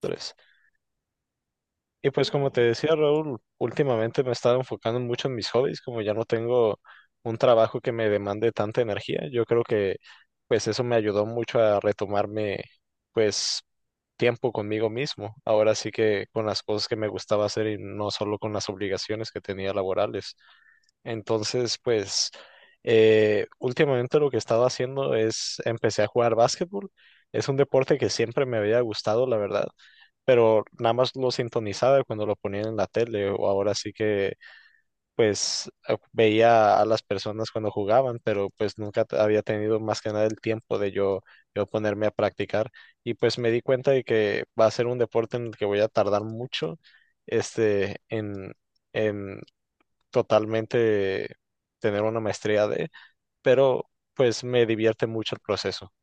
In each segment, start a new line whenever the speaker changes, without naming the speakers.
Tres. Y pues como te decía Raúl, últimamente me he estado enfocando mucho en mis hobbies, como ya no tengo un trabajo que me demande tanta energía, yo creo que pues eso me ayudó mucho a retomarme pues tiempo conmigo mismo, ahora sí que con las cosas que me gustaba hacer y no solo con las obligaciones que tenía laborales. Entonces pues últimamente lo que he estado haciendo es empecé a jugar básquetbol, es un deporte que siempre me había gustado, la verdad, pero nada más lo sintonizaba cuando lo ponían en la tele, o ahora sí que pues veía a las personas cuando jugaban, pero pues nunca había tenido más que nada el tiempo de yo ponerme a practicar y pues me di cuenta de que va a ser un deporte en el que voy a tardar mucho este en totalmente tener una maestría de, pero pues me divierte mucho el proceso.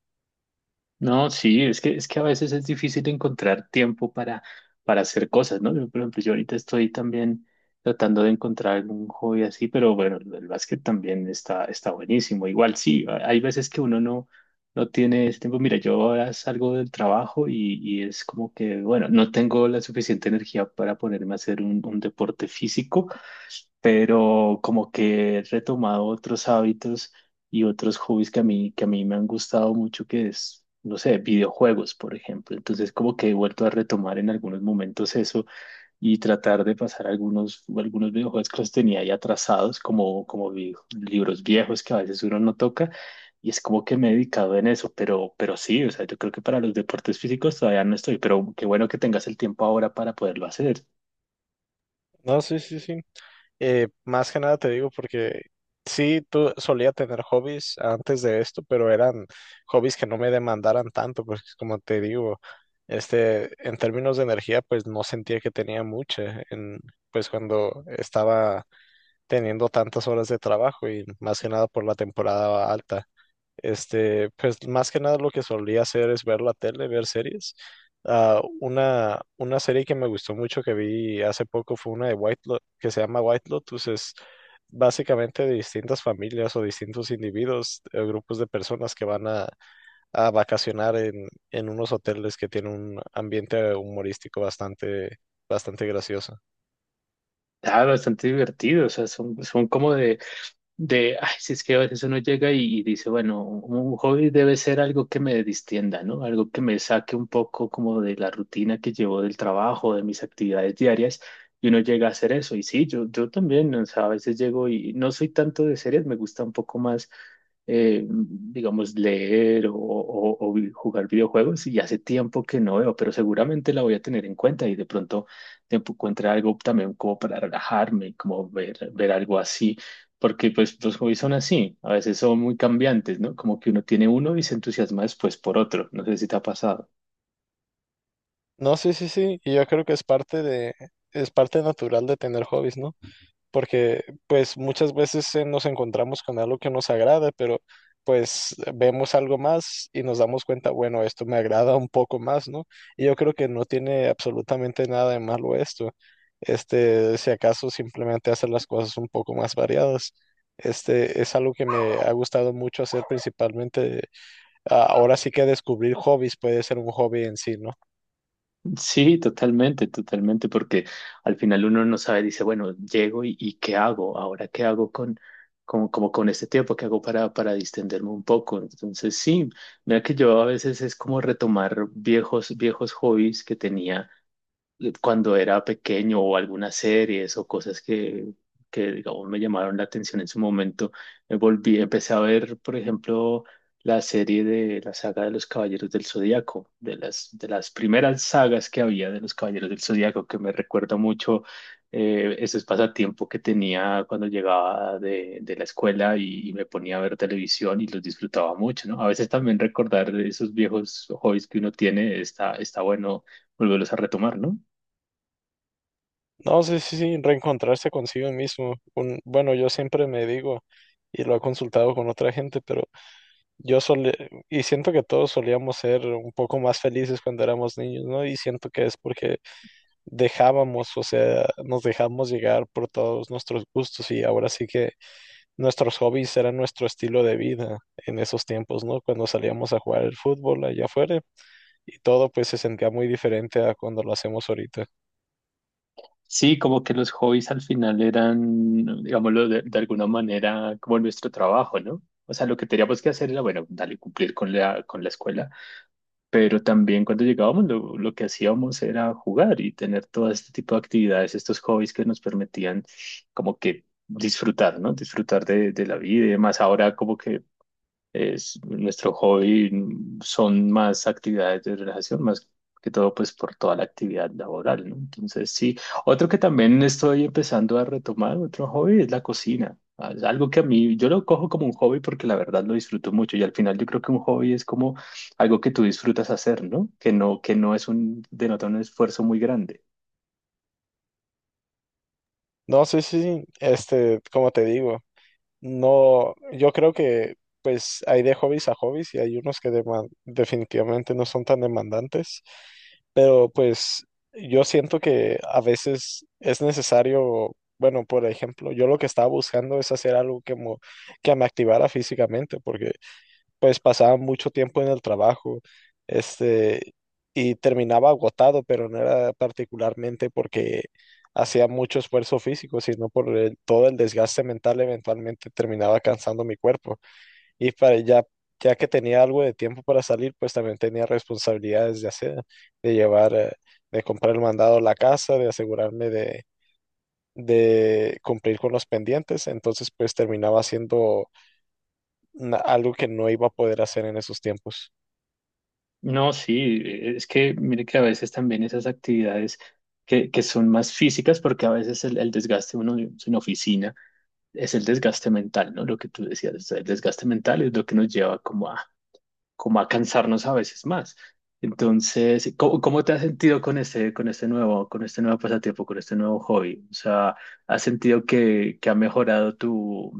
No, sí, es que a veces es difícil encontrar tiempo para hacer cosas, ¿no? Yo, por ejemplo, yo ahorita estoy también tratando de encontrar algún hobby así, pero bueno, el básquet también está buenísimo. Igual sí, hay veces que uno no tiene ese tiempo. Mira, yo ahora salgo del trabajo y es como que, bueno, no tengo la suficiente energía para ponerme a hacer un deporte físico, pero como que he retomado otros hábitos y otros hobbies que a mí me han gustado mucho, que es, no sé, videojuegos, por ejemplo. Entonces, como que he vuelto a retomar en algunos momentos eso y tratar de pasar algunos videojuegos que los tenía ahí atrasados, como libros viejos que a veces uno no toca. Y es como que me he dedicado en eso, pero sí, o sea, yo creo que para los deportes físicos todavía no estoy, pero qué bueno que tengas el tiempo ahora para poderlo hacer.
No, sí, sí, sí. Más que nada te digo porque sí, tú solía tener hobbies antes de esto, pero eran hobbies que no me demandaran tanto, porque como te digo, este, en términos de energía, pues no sentía que tenía mucha, en, pues cuando estaba teniendo tantas horas de trabajo y más que nada por la temporada alta. Este, pues más que nada lo que solía hacer es ver la tele, ver series. Ah, una serie que me gustó mucho que vi hace poco fue una de que se llama White Lotus. Es básicamente de distintas familias o distintos individuos, grupos de personas que van a vacacionar en unos hoteles que tienen un ambiente humorístico bastante, bastante gracioso.
Ah, bastante divertido, o sea, son como de ay, si es que a veces uno llega y dice, bueno, un hobby debe ser algo que me distienda, ¿no? Algo que me saque un poco como de la rutina que llevo del trabajo, de mis actividades diarias, y uno llega a hacer eso. Y sí, yo también, o sea, a veces llego y no soy tanto de series, me gusta un poco más, digamos, leer o jugar videojuegos, y hace tiempo que no veo, pero seguramente la voy a tener en cuenta y de pronto te encuentre algo también como para relajarme, como ver algo así porque pues los hobbies son así, a veces son muy cambiantes, ¿no? Como que uno tiene uno y se entusiasma después por otro, no sé si te ha pasado.
No, sí, sí, sí. Y yo creo que es parte de, es parte natural de tener hobbies, ¿no? Porque pues muchas veces nos encontramos con algo que nos agrada, pero pues vemos algo más y nos damos cuenta, bueno, esto me agrada un poco más, ¿no? Y yo creo que no tiene absolutamente nada de malo esto. Este, si acaso simplemente hacer las cosas un poco más variadas. Este es algo que me ha gustado mucho hacer principalmente. Ahora sí que descubrir hobbies puede ser un hobby en sí, ¿no?
Sí, totalmente, totalmente, porque al final uno no sabe, dice, bueno, llego y ¿qué hago? Ahora, ¿qué hago con como con este tiempo? ¿Qué hago para distenderme un poco? Entonces, sí, mira que yo a veces es como retomar viejos hobbies que tenía cuando era pequeño o algunas series o cosas que digamos me llamaron la atención en su momento, empecé a ver, por ejemplo, la serie de la saga de los Caballeros del Zodíaco, de de las primeras sagas que había de los Caballeros del Zodíaco, que me recuerda mucho esos pasatiempos que tenía cuando llegaba de la escuela y me ponía a ver televisión y los disfrutaba mucho, ¿no? A veces también recordar esos viejos hobbies que uno tiene está bueno volverlos a retomar, ¿no?
No, sí, sí, sí, reencontrarse consigo mismo. Un, bueno, yo siempre me digo, y lo he consultado con otra gente, pero yo solía, y siento que todos solíamos ser un poco más felices cuando éramos niños, ¿no? Y siento que es porque dejábamos, o sea, nos dejamos llegar por todos nuestros gustos y ahora sí que nuestros hobbies eran nuestro estilo de vida en esos tiempos, ¿no? Cuando salíamos a jugar el fútbol allá afuera y todo pues se sentía muy diferente a cuando lo hacemos ahorita.
Sí, como que los hobbies al final eran, digámoslo, de alguna manera como nuestro trabajo, ¿no? O sea, lo que teníamos que hacer era, bueno, dale, cumplir con con la escuela, pero también cuando llegábamos lo que hacíamos era jugar y tener todo este tipo de actividades, estos hobbies que nos permitían como que disfrutar, ¿no? Disfrutar de la vida y demás. Ahora como que es, nuestro hobby son más actividades de relajación, más que todo pues por toda la actividad laboral, ¿no? Entonces sí, otro que también estoy empezando a retomar, otro hobby es la cocina. Ah, es algo que a mí, yo lo cojo como un hobby porque la verdad lo disfruto mucho y al final yo creo que un hobby es como algo que tú disfrutas hacer, ¿no? Que no es un, denota un esfuerzo muy grande.
No, sí, sí, este, como te digo. No, yo creo que pues hay de hobbies a hobbies y hay unos que definitivamente no son tan demandantes, pero pues yo siento que a veces es necesario, bueno, por ejemplo, yo lo que estaba buscando es hacer algo que, que me activara físicamente, porque pues pasaba mucho tiempo en el trabajo, este, y terminaba agotado, pero no era particularmente porque hacía mucho esfuerzo físico, sino todo el desgaste mental eventualmente terminaba cansando mi cuerpo. Y para ya, ya que tenía algo de tiempo para salir, pues también tenía responsabilidades de hacer, de llevar, de comprar el mandado a la casa, de asegurarme de cumplir con los pendientes, entonces pues terminaba haciendo algo que no iba a poder hacer en esos tiempos.
No, sí, es que mire que a veces también esas actividades que son más físicas porque a veces el desgaste uno en oficina es el desgaste mental, ¿no? Lo que tú decías, o sea, el desgaste mental es lo que nos lleva como a cansarnos a veces más. Entonces, ¿cómo te has sentido con este nuevo pasatiempo, con este nuevo hobby? O sea, ¿has sentido que ha mejorado tu,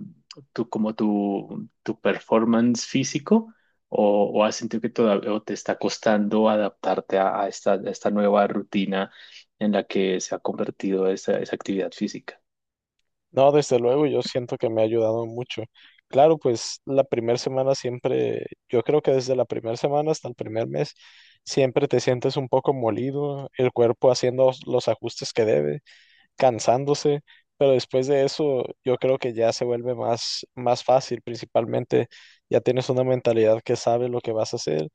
tu, como tu, tu performance físico? O has sentido que todavía o te está costando adaptarte a esta nueva rutina en la que se ha convertido esa actividad física?
No, desde luego, yo siento que me ha ayudado mucho. Claro, pues la primera semana siempre, yo creo que desde la primera semana hasta el primer mes, siempre te sientes un poco molido, el cuerpo haciendo los ajustes que debe, cansándose, pero después de eso, yo creo que ya se vuelve más, más fácil, principalmente ya tienes una mentalidad que sabe lo que vas a hacer,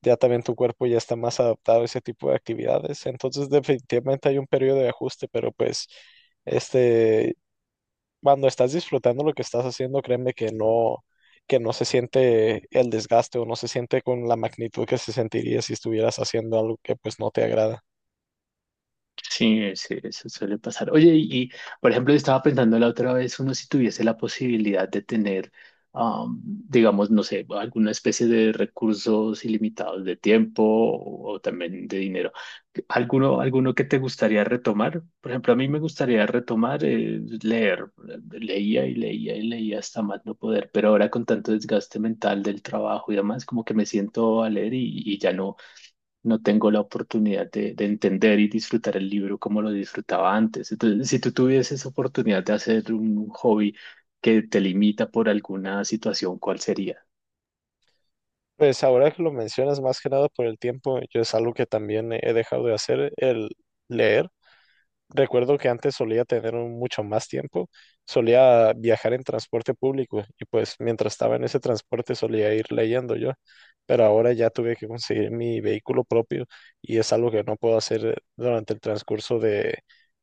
ya también tu cuerpo ya está más adaptado a ese tipo de actividades, entonces definitivamente hay un periodo de ajuste, pero pues... Este, cuando estás disfrutando lo que estás haciendo, créeme que no se siente el desgaste o no se siente con la magnitud que se sentiría si estuvieras haciendo algo que pues no te agrada.
Sí, sí, eso suele pasar. Oye, por ejemplo, yo estaba pensando la otra vez, uno si tuviese la posibilidad de tener, digamos, no sé, alguna especie de recursos ilimitados de tiempo o también de dinero, ¿alguno que te gustaría retomar? Por ejemplo, a mí me gustaría retomar leer. Leía y leía y leía hasta más no poder, pero ahora con tanto desgaste mental del trabajo y demás, como que me siento a leer y no tengo la oportunidad de entender y disfrutar el libro como lo disfrutaba antes. Entonces, si tú tuvieses oportunidad de hacer un hobby que te limita por alguna situación, ¿cuál sería?
Pues ahora que lo mencionas más que nada por el tiempo, yo es algo que también he dejado de hacer, el leer. Recuerdo que antes solía tener mucho más tiempo, solía viajar en transporte público y pues mientras estaba en ese transporte solía ir leyendo yo, pero ahora ya tuve que conseguir mi vehículo propio y es algo que no puedo hacer durante el transcurso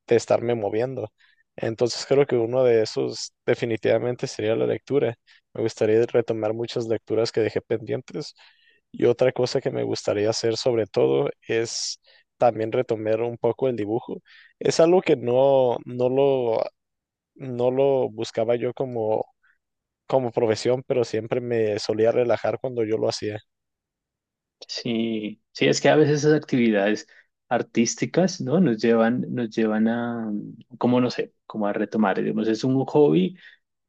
de estarme moviendo. Entonces creo que uno de esos definitivamente sería la lectura. Me gustaría retomar muchas lecturas que dejé pendientes. Y otra cosa que me gustaría hacer sobre todo es también retomar un poco el dibujo. Es algo que no, no lo buscaba yo como, como profesión, pero siempre me solía relajar cuando yo lo hacía.
Sí, sí, es que a veces esas actividades artísticas, ¿no? Nos llevan a, como no sé, como a retomar, digamos, es un hobby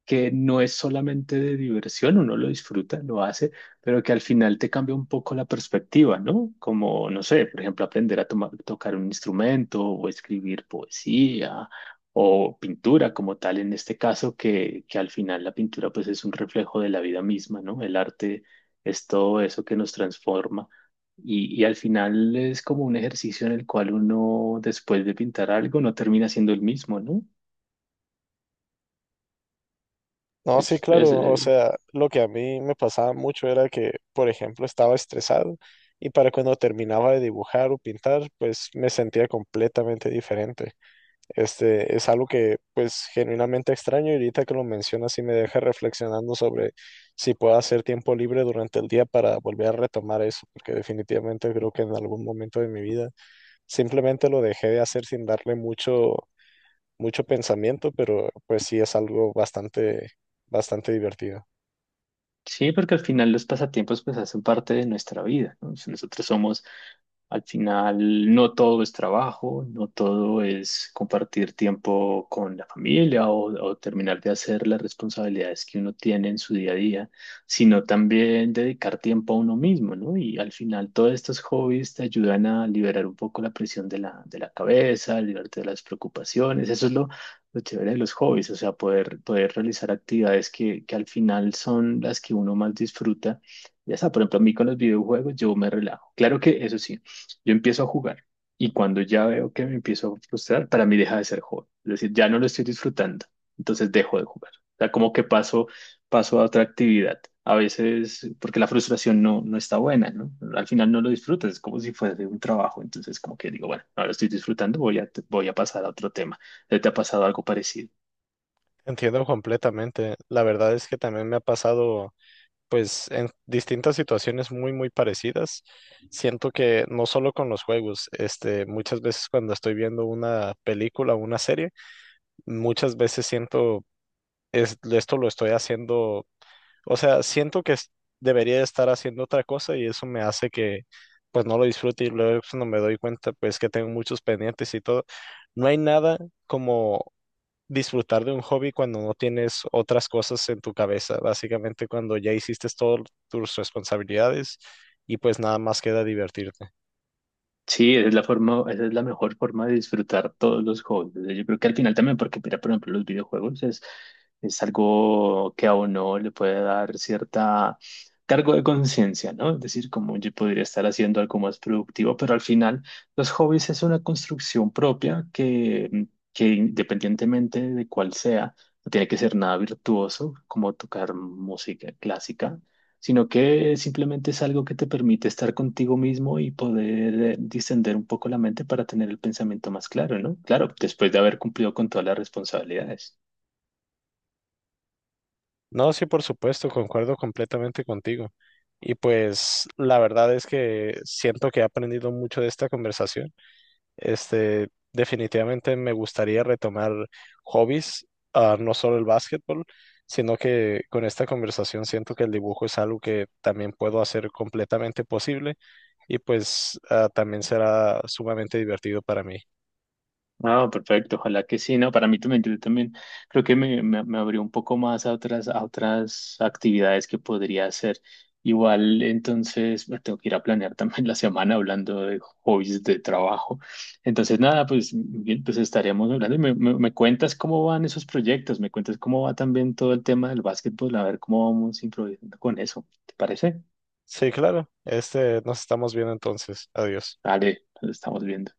que no es solamente de diversión, uno lo disfruta, lo hace, pero que al final te cambia un poco la perspectiva, ¿no? Como, no sé, por ejemplo, aprender a tocar un instrumento o escribir poesía o pintura como tal, en este caso, que al final la pintura pues es un reflejo de la vida misma, ¿no? El arte es todo eso que nos transforma. Y al final es como un ejercicio en el cual uno, después de pintar algo, no termina siendo el mismo, ¿no?
No, sí,
Es, es-
claro. O
eh,
sea, lo que a mí me pasaba mucho era que, por ejemplo, estaba estresado y para cuando terminaba de dibujar o pintar, pues me sentía completamente diferente. Este, es algo que pues genuinamente extraño y ahorita que lo mencionas sí me deja reflexionando sobre si puedo hacer tiempo libre durante el día para volver a retomar eso, porque definitivamente creo que en algún momento de mi vida simplemente lo dejé de hacer sin darle mucho, mucho pensamiento, pero pues sí es algo bastante, bastante divertido.
Sí, porque al final los pasatiempos pues hacen parte de nuestra vida, ¿no? Si nosotros somos al final, no todo es trabajo, no todo es compartir tiempo con la familia o terminar de hacer las responsabilidades que uno tiene en su día a día, sino también dedicar tiempo a uno mismo, ¿no? Y al final, todos estos hobbies te ayudan a liberar un poco la presión de de la cabeza, liberarte de las preocupaciones. Eso es lo chévere de los hobbies, o sea, poder realizar actividades que al final son las que uno más disfruta. Ya está, por ejemplo, a mí con los videojuegos yo me relajo. Claro que eso sí. Yo empiezo a jugar y cuando ya veo que me empiezo a frustrar, para mí deja de ser juego. Es decir, ya no lo estoy disfrutando, entonces dejo de jugar. O sea, como que paso a otra actividad. A veces, porque la frustración no está buena, ¿no? Al final no lo disfrutas, es como si fuese un trabajo. Entonces, como que digo, bueno, ahora estoy disfrutando, voy a pasar a otro tema. ¿Te ha pasado algo parecido?
Entiendo completamente. La verdad es que también me ha pasado pues en distintas situaciones muy, muy parecidas. Siento que no solo con los juegos, este, muchas veces cuando estoy viendo una película o una serie, muchas veces siento, esto lo estoy haciendo, o sea, siento que debería estar haciendo otra cosa y eso me hace que pues no lo disfrute y luego cuando me doy cuenta pues que tengo muchos pendientes y todo. No hay nada como disfrutar de un hobby cuando no tienes otras cosas en tu cabeza, básicamente cuando ya hiciste todas tus responsabilidades y pues nada más queda divertirte.
Sí, esa es la forma, esa es la mejor forma de disfrutar todos los juegos. O sea, yo creo que al final también, porque mira, por ejemplo, los videojuegos es algo que a uno le puede dar cierta cargo de conciencia, ¿no? Es decir, como yo podría estar haciendo algo más productivo, pero al final los hobbies es una construcción propia que, que independientemente de cuál sea, no tiene que ser nada virtuoso, como tocar música clásica sino que simplemente es algo que te permite estar contigo mismo y poder distender un poco la mente para tener el pensamiento más claro, ¿no? Claro, después de haber cumplido con todas las responsabilidades.
No, sí, por supuesto, concuerdo completamente contigo. Y pues la verdad es que siento que he aprendido mucho de esta conversación. Este, definitivamente me gustaría retomar hobbies, no solo el básquetbol, sino que con esta conversación siento que el dibujo es algo que también puedo hacer completamente posible y pues también será sumamente divertido para mí.
Ah, perfecto, ojalá que sí, ¿no? Para mí también, yo también creo que me abrió un poco más a a otras actividades que podría hacer. Igual, entonces, me tengo que ir a planear también la semana hablando de hobbies de trabajo. Entonces, nada, pues, bien, pues estaremos hablando y me cuentas cómo van esos proyectos, me cuentas cómo va también todo el tema del básquetbol, a ver cómo vamos improvisando con eso. ¿Te parece?
Sí, claro. Este, nos estamos viendo entonces. Adiós.
Vale, nos estamos viendo.